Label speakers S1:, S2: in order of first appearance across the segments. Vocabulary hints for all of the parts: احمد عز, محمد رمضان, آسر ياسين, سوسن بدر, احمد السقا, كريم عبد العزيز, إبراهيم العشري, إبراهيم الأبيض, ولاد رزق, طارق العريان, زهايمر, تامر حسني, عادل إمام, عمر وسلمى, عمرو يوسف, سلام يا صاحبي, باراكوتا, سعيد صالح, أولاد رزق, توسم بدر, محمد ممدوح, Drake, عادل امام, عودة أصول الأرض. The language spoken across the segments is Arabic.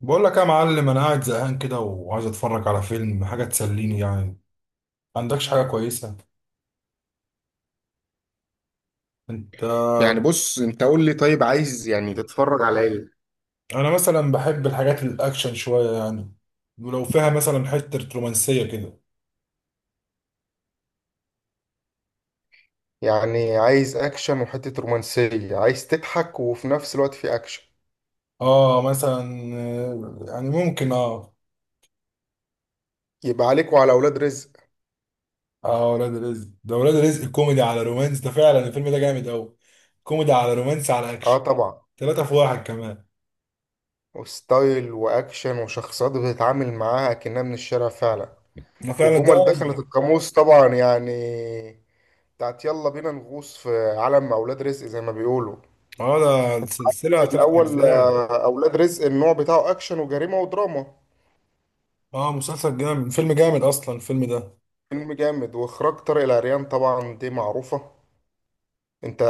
S1: بقول لك يا معلم انا قاعد زهقان كده وعايز اتفرج على فيلم، حاجه تسليني يعني. ما عندكش حاجه كويسه انت؟
S2: يعني بص، انت قول لي طيب عايز يعني تتفرج على ايه؟
S1: انا مثلا بحب الحاجات الاكشن شويه يعني، ولو فيها مثلا حته رومانسيه كده.
S2: يعني عايز اكشن وحتة رومانسية، عايز تضحك وفي نفس الوقت في اكشن؟
S1: اه مثلا يعني ممكن اه.
S2: يبقى عليك وعلى اولاد رزق.
S1: اه ولاد رزق، ده ولاد رزق كوميدي على رومانس، ده فعلا الفيلم ده جامد قوي، كوميدي على رومانس على
S2: اه
S1: اكشن.
S2: طبعا.
S1: ثلاثة في واحد كمان.
S2: وستايل واكشن وشخصيات بتتعامل معاها كأنها من الشارع فعلا.
S1: ده فعلا ده.
S2: وجمل دخلت القاموس طبعا، يعني بتاعت يلا بينا نغوص في عالم اولاد رزق زي ما بيقولوا.
S1: اه، ده سلسلة
S2: في
S1: ثلاث
S2: الاول
S1: اجزاء.
S2: اولاد رزق النوع بتاعه اكشن وجريمة ودراما.
S1: اه مسلسل جامد، فيلم جامد اصلا الفيلم ده.
S2: فيلم جامد واخراج طارق العريان طبعا دي معروفة. انت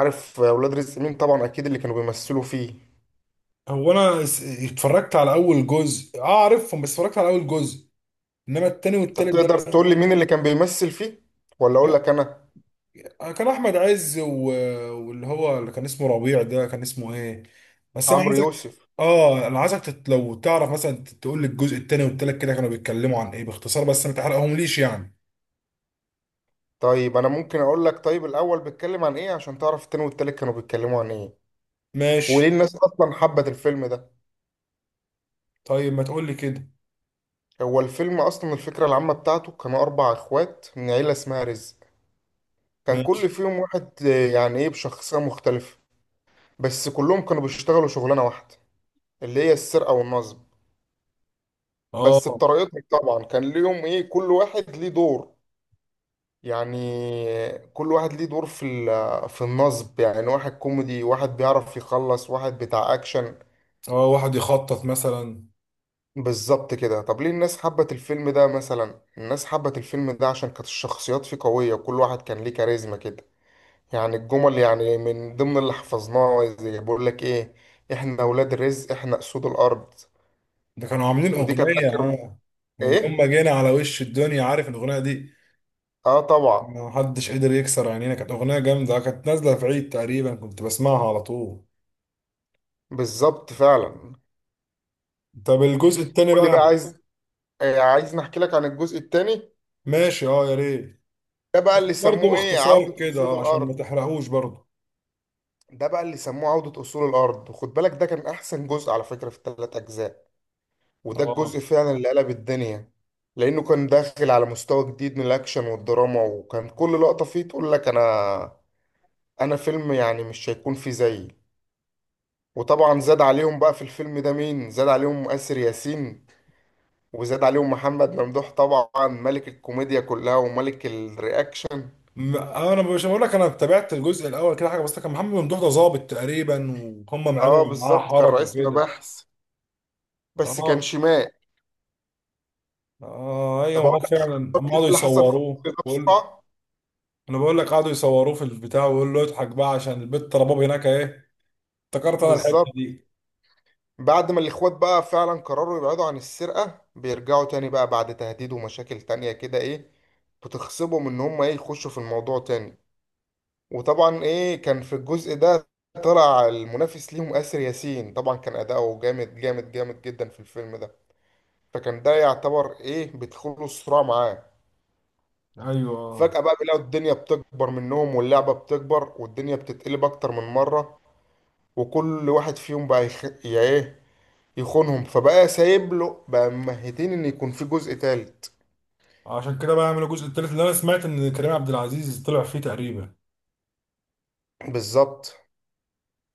S2: عارف اولاد رزق مين طبعا، اكيد اللي كانوا بيمثلوا فيه.
S1: هو انا اتفرجت على اول جزء، اه عارفهم، بس اتفرجت على اول جزء، انما التاني
S2: طب
S1: والتالت ده
S2: تقدر
S1: لسه.
S2: تقول لي مين اللي كان بيمثل فيه ولا اقول
S1: أنا-
S2: لك انا؟
S1: كان احمد عز واللي هو اللي كان اسمه ربيع ده، كان اسمه ايه؟ بس انا
S2: عمرو
S1: عايزك،
S2: يوسف.
S1: اه انا عايزك لو تعرف مثلا تقول لي الجزء التاني والتالت كده كانوا بيتكلموا عن ايه باختصار، بس ما تحرقهم ليش يعني.
S2: طيب انا ممكن اقول لك طيب الاول بيتكلم عن ايه عشان تعرف التاني والتالت كانوا بيتكلموا عن ايه، وليه
S1: ماشي.
S2: الناس اصلا حبت الفيلم ده.
S1: طيب ما تقول لي كده.
S2: هو الفيلم اصلا الفكره العامه بتاعته، كانوا اربع اخوات من عيله اسمها رزق. كان
S1: ماشي.
S2: كل فيهم واحد يعني ايه، بشخصيه مختلفه. بس كلهم كانوا بيشتغلوا شغلانه واحده، اللي هي السرقه والنصب. بس
S1: اه.
S2: بطريقتهم طبعا، كان ليهم ايه، كل واحد ليه دور يعني. كل واحد ليه دور في في النصب، يعني واحد كوميدي، واحد بيعرف يخلص، واحد بتاع اكشن.
S1: اه واحد يخطط مثلا.
S2: بالظبط كده. طب ليه الناس حبت الفيلم ده؟ مثلا الناس حبت الفيلم ده عشان كانت الشخصيات فيه قوية، وكل واحد كان ليه كاريزما كده. يعني الجمل يعني من ضمن اللي حفظناه زي بقول لك ايه: احنا ولاد الرزق، احنا اسود الارض.
S1: ده كانوا عاملين
S2: ودي كانت
S1: اغنية،
S2: اخر
S1: اه. من يوم
S2: ايه.
S1: ما جينا على وش الدنيا، عارف الاغنية دي؟
S2: اه طبعا.
S1: ما حدش قدر يكسر عينينا، كانت اغنيه جامده، كانت نازله في عيد تقريبا كنت بسمعها على طول.
S2: بالظبط فعلا.
S1: طب الجزء التاني
S2: قول لي بقى
S1: بقى.
S2: عايز عايز نحكي لك عن الجزء التاني.
S1: ماشي، اه يا ريت.
S2: ده بقى
S1: بس
S2: اللي
S1: برضه
S2: سموه ايه، عودة
S1: باختصار كده
S2: أصول
S1: عشان ما
S2: الأرض.
S1: تحرقوش برضه.
S2: ده بقى اللي سموه عودة أصول الأرض، وخد بالك ده كان أحسن جزء على فكرة في الثلاث أجزاء. وده
S1: اه،
S2: الجزء فعلا اللي قلب الدنيا. لأنه كان داخل على مستوى جديد من الأكشن والدراما، وكان كل لقطة فيه تقول لك أنا، أنا فيلم يعني مش هيكون فيه زيي. وطبعا زاد عليهم بقى في الفيلم ده مين، زاد عليهم آسر ياسين، وزاد عليهم محمد ممدوح طبعا، ملك الكوميديا كلها وملك الرياكشن.
S1: انا مش بقول لك انا تابعت الجزء الاول كده حاجه، بس كان محمد ممدوح ده ظابط تقريبا وهم
S2: اه
S1: عملوا معاه
S2: بالظبط، كان
S1: حركه
S2: رئيس
S1: وكده.
S2: مباحث، بس كان
S1: اه.
S2: شمال.
S1: اه ايوه،
S2: طب
S1: ما هو
S2: كده
S1: فعلا اما قعدوا
S2: اللي حصل في مصر
S1: يصوروه
S2: ده
S1: بقول.
S2: بسرعة.
S1: انا بقول لك قعدوا يصوروه في البتاع ويقول له اضحك بقى عشان البت رباب هناك ايه. افتكرت انا الحته
S2: بالظبط.
S1: دي.
S2: بعد ما الإخوات بقى فعلا قرروا يبعدوا عن السرقة، بيرجعوا تاني بقى بعد تهديد ومشاكل تانية كده إيه، بتخصبهم إن هم إيه يخشوا في الموضوع تاني. وطبعا إيه كان في الجزء ده طلع المنافس ليهم آسر ياسين، طبعا كان أداؤه جامد جامد جامد جدا في الفيلم ده. فكان ده يعتبر إيه، بيدخلوا الصراع معاه.
S1: ايوه.
S2: فجأة بقى بيلاقوا الدنيا بتكبر منهم، واللعبة بتكبر، والدنيا بتتقلب أكتر من مرة. وكل واحد فيهم بقى يخ... يعني ايه، يخونهم، فبقى سايب له بقى ممهدين ان يكون في جزء تالت.
S1: عشان كده بقى عملوا الجزء التالت اللي انا سمعت ان كريم عبد العزيز طلع فيه تقريبا.
S2: بالظبط.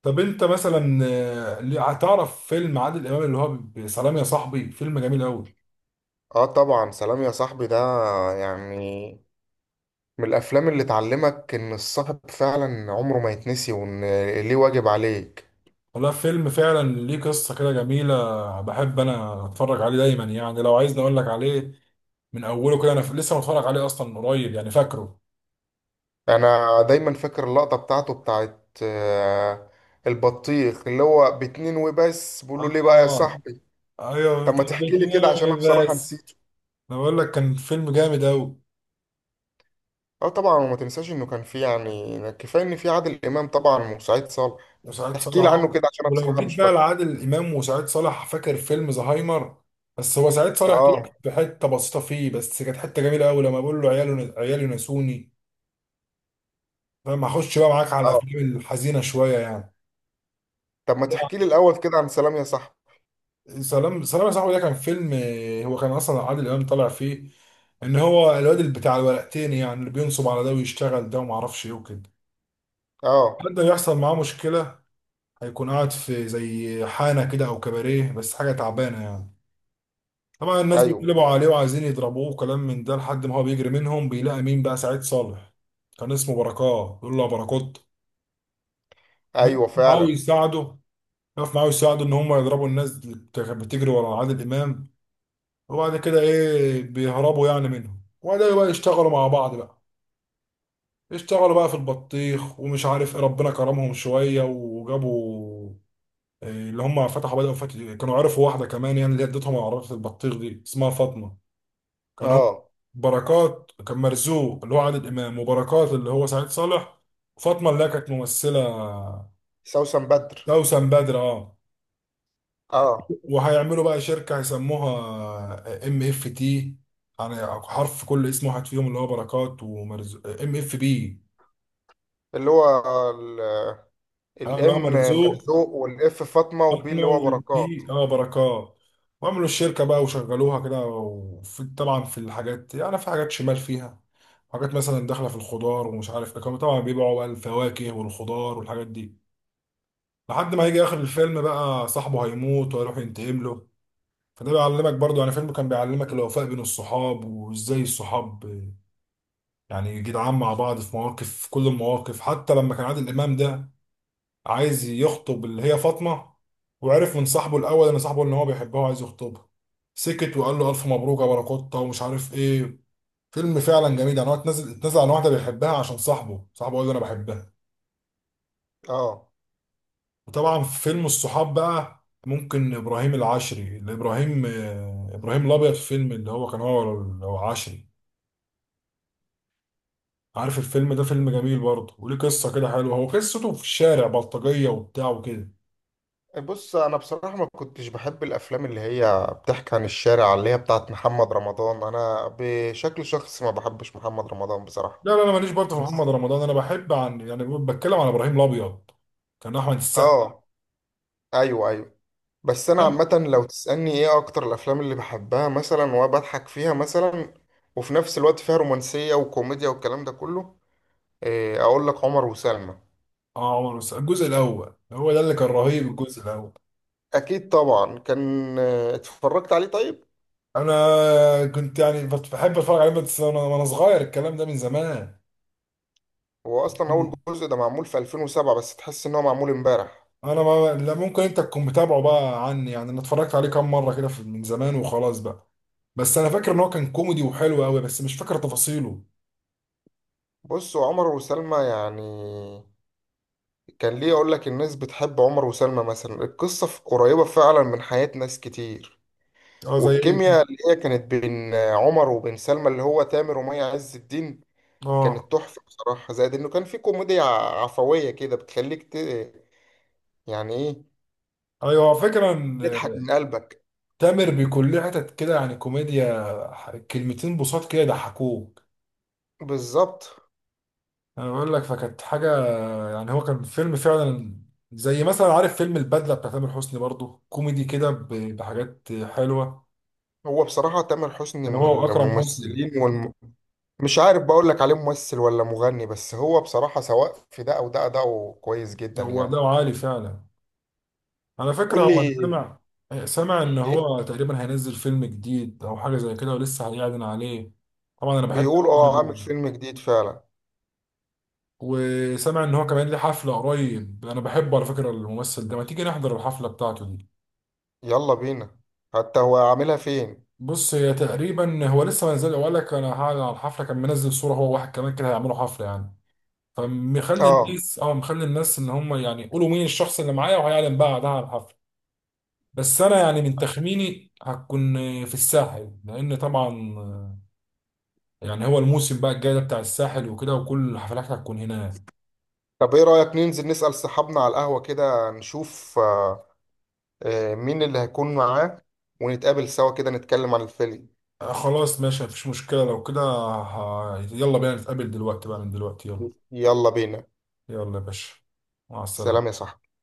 S1: طب انت مثلا هتعرف فيلم عادل امام اللي هو سلام يا صاحبي؟ فيلم جميل قوي.
S2: اه طبعا، سلام يا صاحبي ده يعني من الافلام اللي تعلمك ان الصاحب فعلا عمره ما يتنسي، وان ليه واجب عليك.
S1: والله فيلم فعلا ليه قصة كده جميلة، بحب انا اتفرج عليه دايما يعني. لو عايزني اقول لك عليه من اوله كده، انا لسه متفرج عليه اصلا من قريب يعني، فاكره.
S2: انا دايما فاكر اللقطة بتاعته بتاعت البطيخ اللي هو باتنين وبس، بقول له ليه بقى يا
S1: اه.
S2: صاحبي.
S1: ايوه
S2: طب
S1: طب
S2: ما تحكي لي كده عشان انا
S1: اتنين
S2: بصراحة
S1: بس.
S2: نسيته.
S1: انا بقول لك كان فيلم جامد قوي.
S2: اه طبعا، وما تنساش انه كان في يعني كفاية ان في عادل امام طبعا وسعيد صالح.
S1: وسعيد صالح
S2: تحكي لي عنه كده عشان انا
S1: ولو
S2: بصراحة
S1: جيت
S2: مش
S1: بقى
S2: فاكره.
S1: لعادل امام وسعيد صالح، فاكر فيلم زهايمر؟ بس هو سعيد صالح طلع
S2: اه.
S1: في حته بسيطه فيه، بس كانت حته جميله قوي لما بقول له عياله عيالي نسوني. فاهم؟ هخش بقى معاك على
S2: اه
S1: الافلام الحزينه شويه يعني.
S2: طب ما تحكي لي الاول كده عن سلام يا صاحبي.
S1: سلام يا صاحبي ده كان فيلم، هو كان اصلا عادل امام طالع فيه ان هو الواد اللي بتاع الورقتين يعني، اللي بينصب على ده ويشتغل ده وما اعرفش ايه وكده.
S2: اه.
S1: حد يحصل معاه مشكله. هيكون قاعد في زي حانه كده او كباريه، بس حاجه تعبانه يعني. طبعا الناس
S2: ايوه
S1: بيتقلبوا عليه وعايزين يضربوه وكلام من ده، لحد ما هو بيجري منهم بيلاقي مين بقى؟ سعيد صالح. كان اسمه بركات، بيقول له يا بركات.
S2: ايوه
S1: بيقف معاه
S2: فعلا.
S1: ويساعده. بيقف معاه ويساعده ان هم يضربوا الناس اللي كانت بتجري ورا عادل امام. وبعد كده ايه، بيهربوا يعني منهم، وبعدين بقى يشتغلوا مع بعض بقى. اشتغلوا بقى في البطيخ ومش عارف ايه، ربنا كرمهم شويه وجابوا إيه اللي هم فتحوا، بدأوا فتح، كانوا عرفوا واحده كمان يعني اللي هي ادتهم عربيه البطيخ دي، اسمها فاطمه. كان هو
S2: اه
S1: بركات كان مرزوق اللي هو عادل امام، وبركات اللي هو سعيد صالح، وفاطمه اللي هي كانت ممثله
S2: سوسن بدر.
S1: توسم بدر، اه.
S2: اه
S1: وهيعملوا بقى شركه هيسموها ام اف تي، يعني حرف كل اسم واحد فيهم اللي هو بركات ومرزوق، ام اف بي.
S2: اللي هو ال-
S1: اه اللي هو
S2: الام
S1: مرزوق
S2: مرزوق، والاف فاطمة، وبي اللي
S1: احنا،
S2: هو بركات.
S1: والبي اه بركات. وعملوا الشركه بقى وشغلوها كده، وفي طبعا في الحاجات يعني في حاجات شمال فيها، حاجات مثلا داخله في الخضار ومش عارف ايه، كانوا طبعا بيبيعوا بقى الفواكه والخضار والحاجات دي. لحد ما هيجي اخر الفيلم بقى صاحبه هيموت وهيروح ينتقم له. فده بيعلمك برضو يعني، فيلم كان بيعلمك الوفاء بين الصحاب، وازاي الصحاب يعني جدعان مع بعض في مواقف، في كل المواقف. حتى لما كان عادل امام ده عايز يخطب اللي هي فاطمة، وعرف من صاحبه الأول إن صاحبه إن هو بيحبها وعايز يخطبها، سكت وقال له ألف مبروك يا باراكوتا ومش عارف إيه. فيلم فعلا جميل يعني. هو اتنزل، اتنزل عن واحدة بيحبها عشان صاحبه، صاحبه قال له أنا بحبها.
S2: اه
S1: وطبعا في فيلم الصحاب بقى ممكن إبراهيم العشري، اللي إبراهيم إبراهيم الأبيض. في فيلم اللي هو كان هو، هو عشري، عارف الفيلم ده؟ فيلم جميل برضه وليه قصة كده حلوة، هو قصته في الشارع بلطجية وبتاع وكده.
S2: بص انا بصراحة ما كنتش بحب الافلام اللي هي بتحكي عن الشارع، اللي هي بتاعت محمد رمضان. انا بشكل شخصي ما بحبش محمد رمضان بصراحة.
S1: لا، انا ماليش برضه في محمد
S2: بس
S1: رمضان، انا بحب عن يعني بتكلم عن ابراهيم الابيض. كان احمد السقا.
S2: اه. ايوه ايوه. بس انا
S1: تمام.
S2: عامه لو تسالني ايه اكتر الافلام اللي بحبها مثلا وبضحك فيها مثلا، وفي نفس الوقت فيها رومانسيه وكوميديا والكلام ده كله، اقول لك عمر وسلمى.
S1: اه عمر، بس الجزء الاول هو ده اللي كان رهيب، الجزء الاول
S2: اكيد طبعا كان اتفرجت عليه. طيب
S1: انا كنت يعني بحب اتفرج عليه بس، وأنا صغير، الكلام ده من زمان.
S2: هو اصلا اول جزء ده معمول في 2007، بس تحس ان هو معمول امبارح.
S1: انا ما لا، ممكن انت تكون متابعه بقى عني يعني، انا اتفرجت عليه كام مره كده من زمان وخلاص بقى. بس انا فاكر ان هو كان كوميدي وحلو قوي، بس مش فاكر تفاصيله.
S2: بص هو عمر وسلمى يعني، كان ليه اقول لك الناس بتحب عمر وسلمى مثلا، القصه قريبه فعلا من حياة ناس كتير.
S1: اه زي ايه.
S2: والكيمياء اللي هي كانت بين عمر وبين سلمى، اللي هو تامر ومي عز الدين،
S1: اه
S2: كانت تحفة بصراحة. زائد انه كان في كوميديا عفوية كده بتخليك ت... يعني ايه،
S1: ايوه فكرة.
S2: تضحك من قلبك.
S1: تامر بيكون ليه حتت كده يعني كوميديا، كلمتين بساط كده يضحكوك.
S2: بالظبط.
S1: انا بقول لك فكانت حاجه، يعني هو كان فيلم فعلا. زي مثلا، عارف فيلم البدله بتاع تامر حسني؟ برضو كوميدي كده بحاجات حلوه.
S2: هو بصراحة تامر حسني
S1: كان
S2: من
S1: هو واكرم حسني.
S2: الممثلين والم... مش عارف بقول لك عليه ممثل ولا مغني، بس هو بصراحة سواء في ده او ده أداؤه كويس جدا
S1: هو
S2: يعني.
S1: ده عالي فعلا. على فكره،
S2: قول
S1: هو انا
S2: لي
S1: سامع، سامع ان
S2: ايه.
S1: هو تقريبا هينزل فيلم جديد او حاجه زي كده ولسه هيعلن عليه. طبعا انا بحب
S2: بيقول
S1: أفلامه
S2: اه، عامل
S1: جدا.
S2: فيلم جديد فعلا.
S1: وسامع ان هو كمان ليه حفله قريب، انا بحبه على فكره الممثل ده، ما تيجي نحضر الحفله بتاعته دي.
S2: يلا بينا. حتى هو عاملها فين.
S1: بص، هي تقريبا هو لسه ما نزل وقال لك انا هعلن على الحفله، كان منزل صوره هو واحد كمان كده هيعملوا حفله يعني. فمخلي
S2: اه
S1: الناس اه مخلي الناس ان هم يعني يقولوا مين الشخص اللي معايا، وهيعلن بعدها على الحفله. بس انا يعني من تخميني هتكون في الساحل، لان طبعا يعني هو الموسم بقى الجاي ده بتاع الساحل وكده، وكل الحفلات هتكون هناك.
S2: طب ايه رأيك ننزل نسأل صحابنا على القهوة كده، نشوف مين اللي هيكون معاه، ونتقابل سوا كده نتكلم عن الفيلم.
S1: آه خلاص ماشي، مفيش مشكله. لو كده يلا بينا نتقابل دلوقتي بقى، من دلوقتي يلا.
S2: يلا بينا.
S1: يلا يا باشا. مع
S2: سلام يا
S1: السلامه.
S2: صاحبي.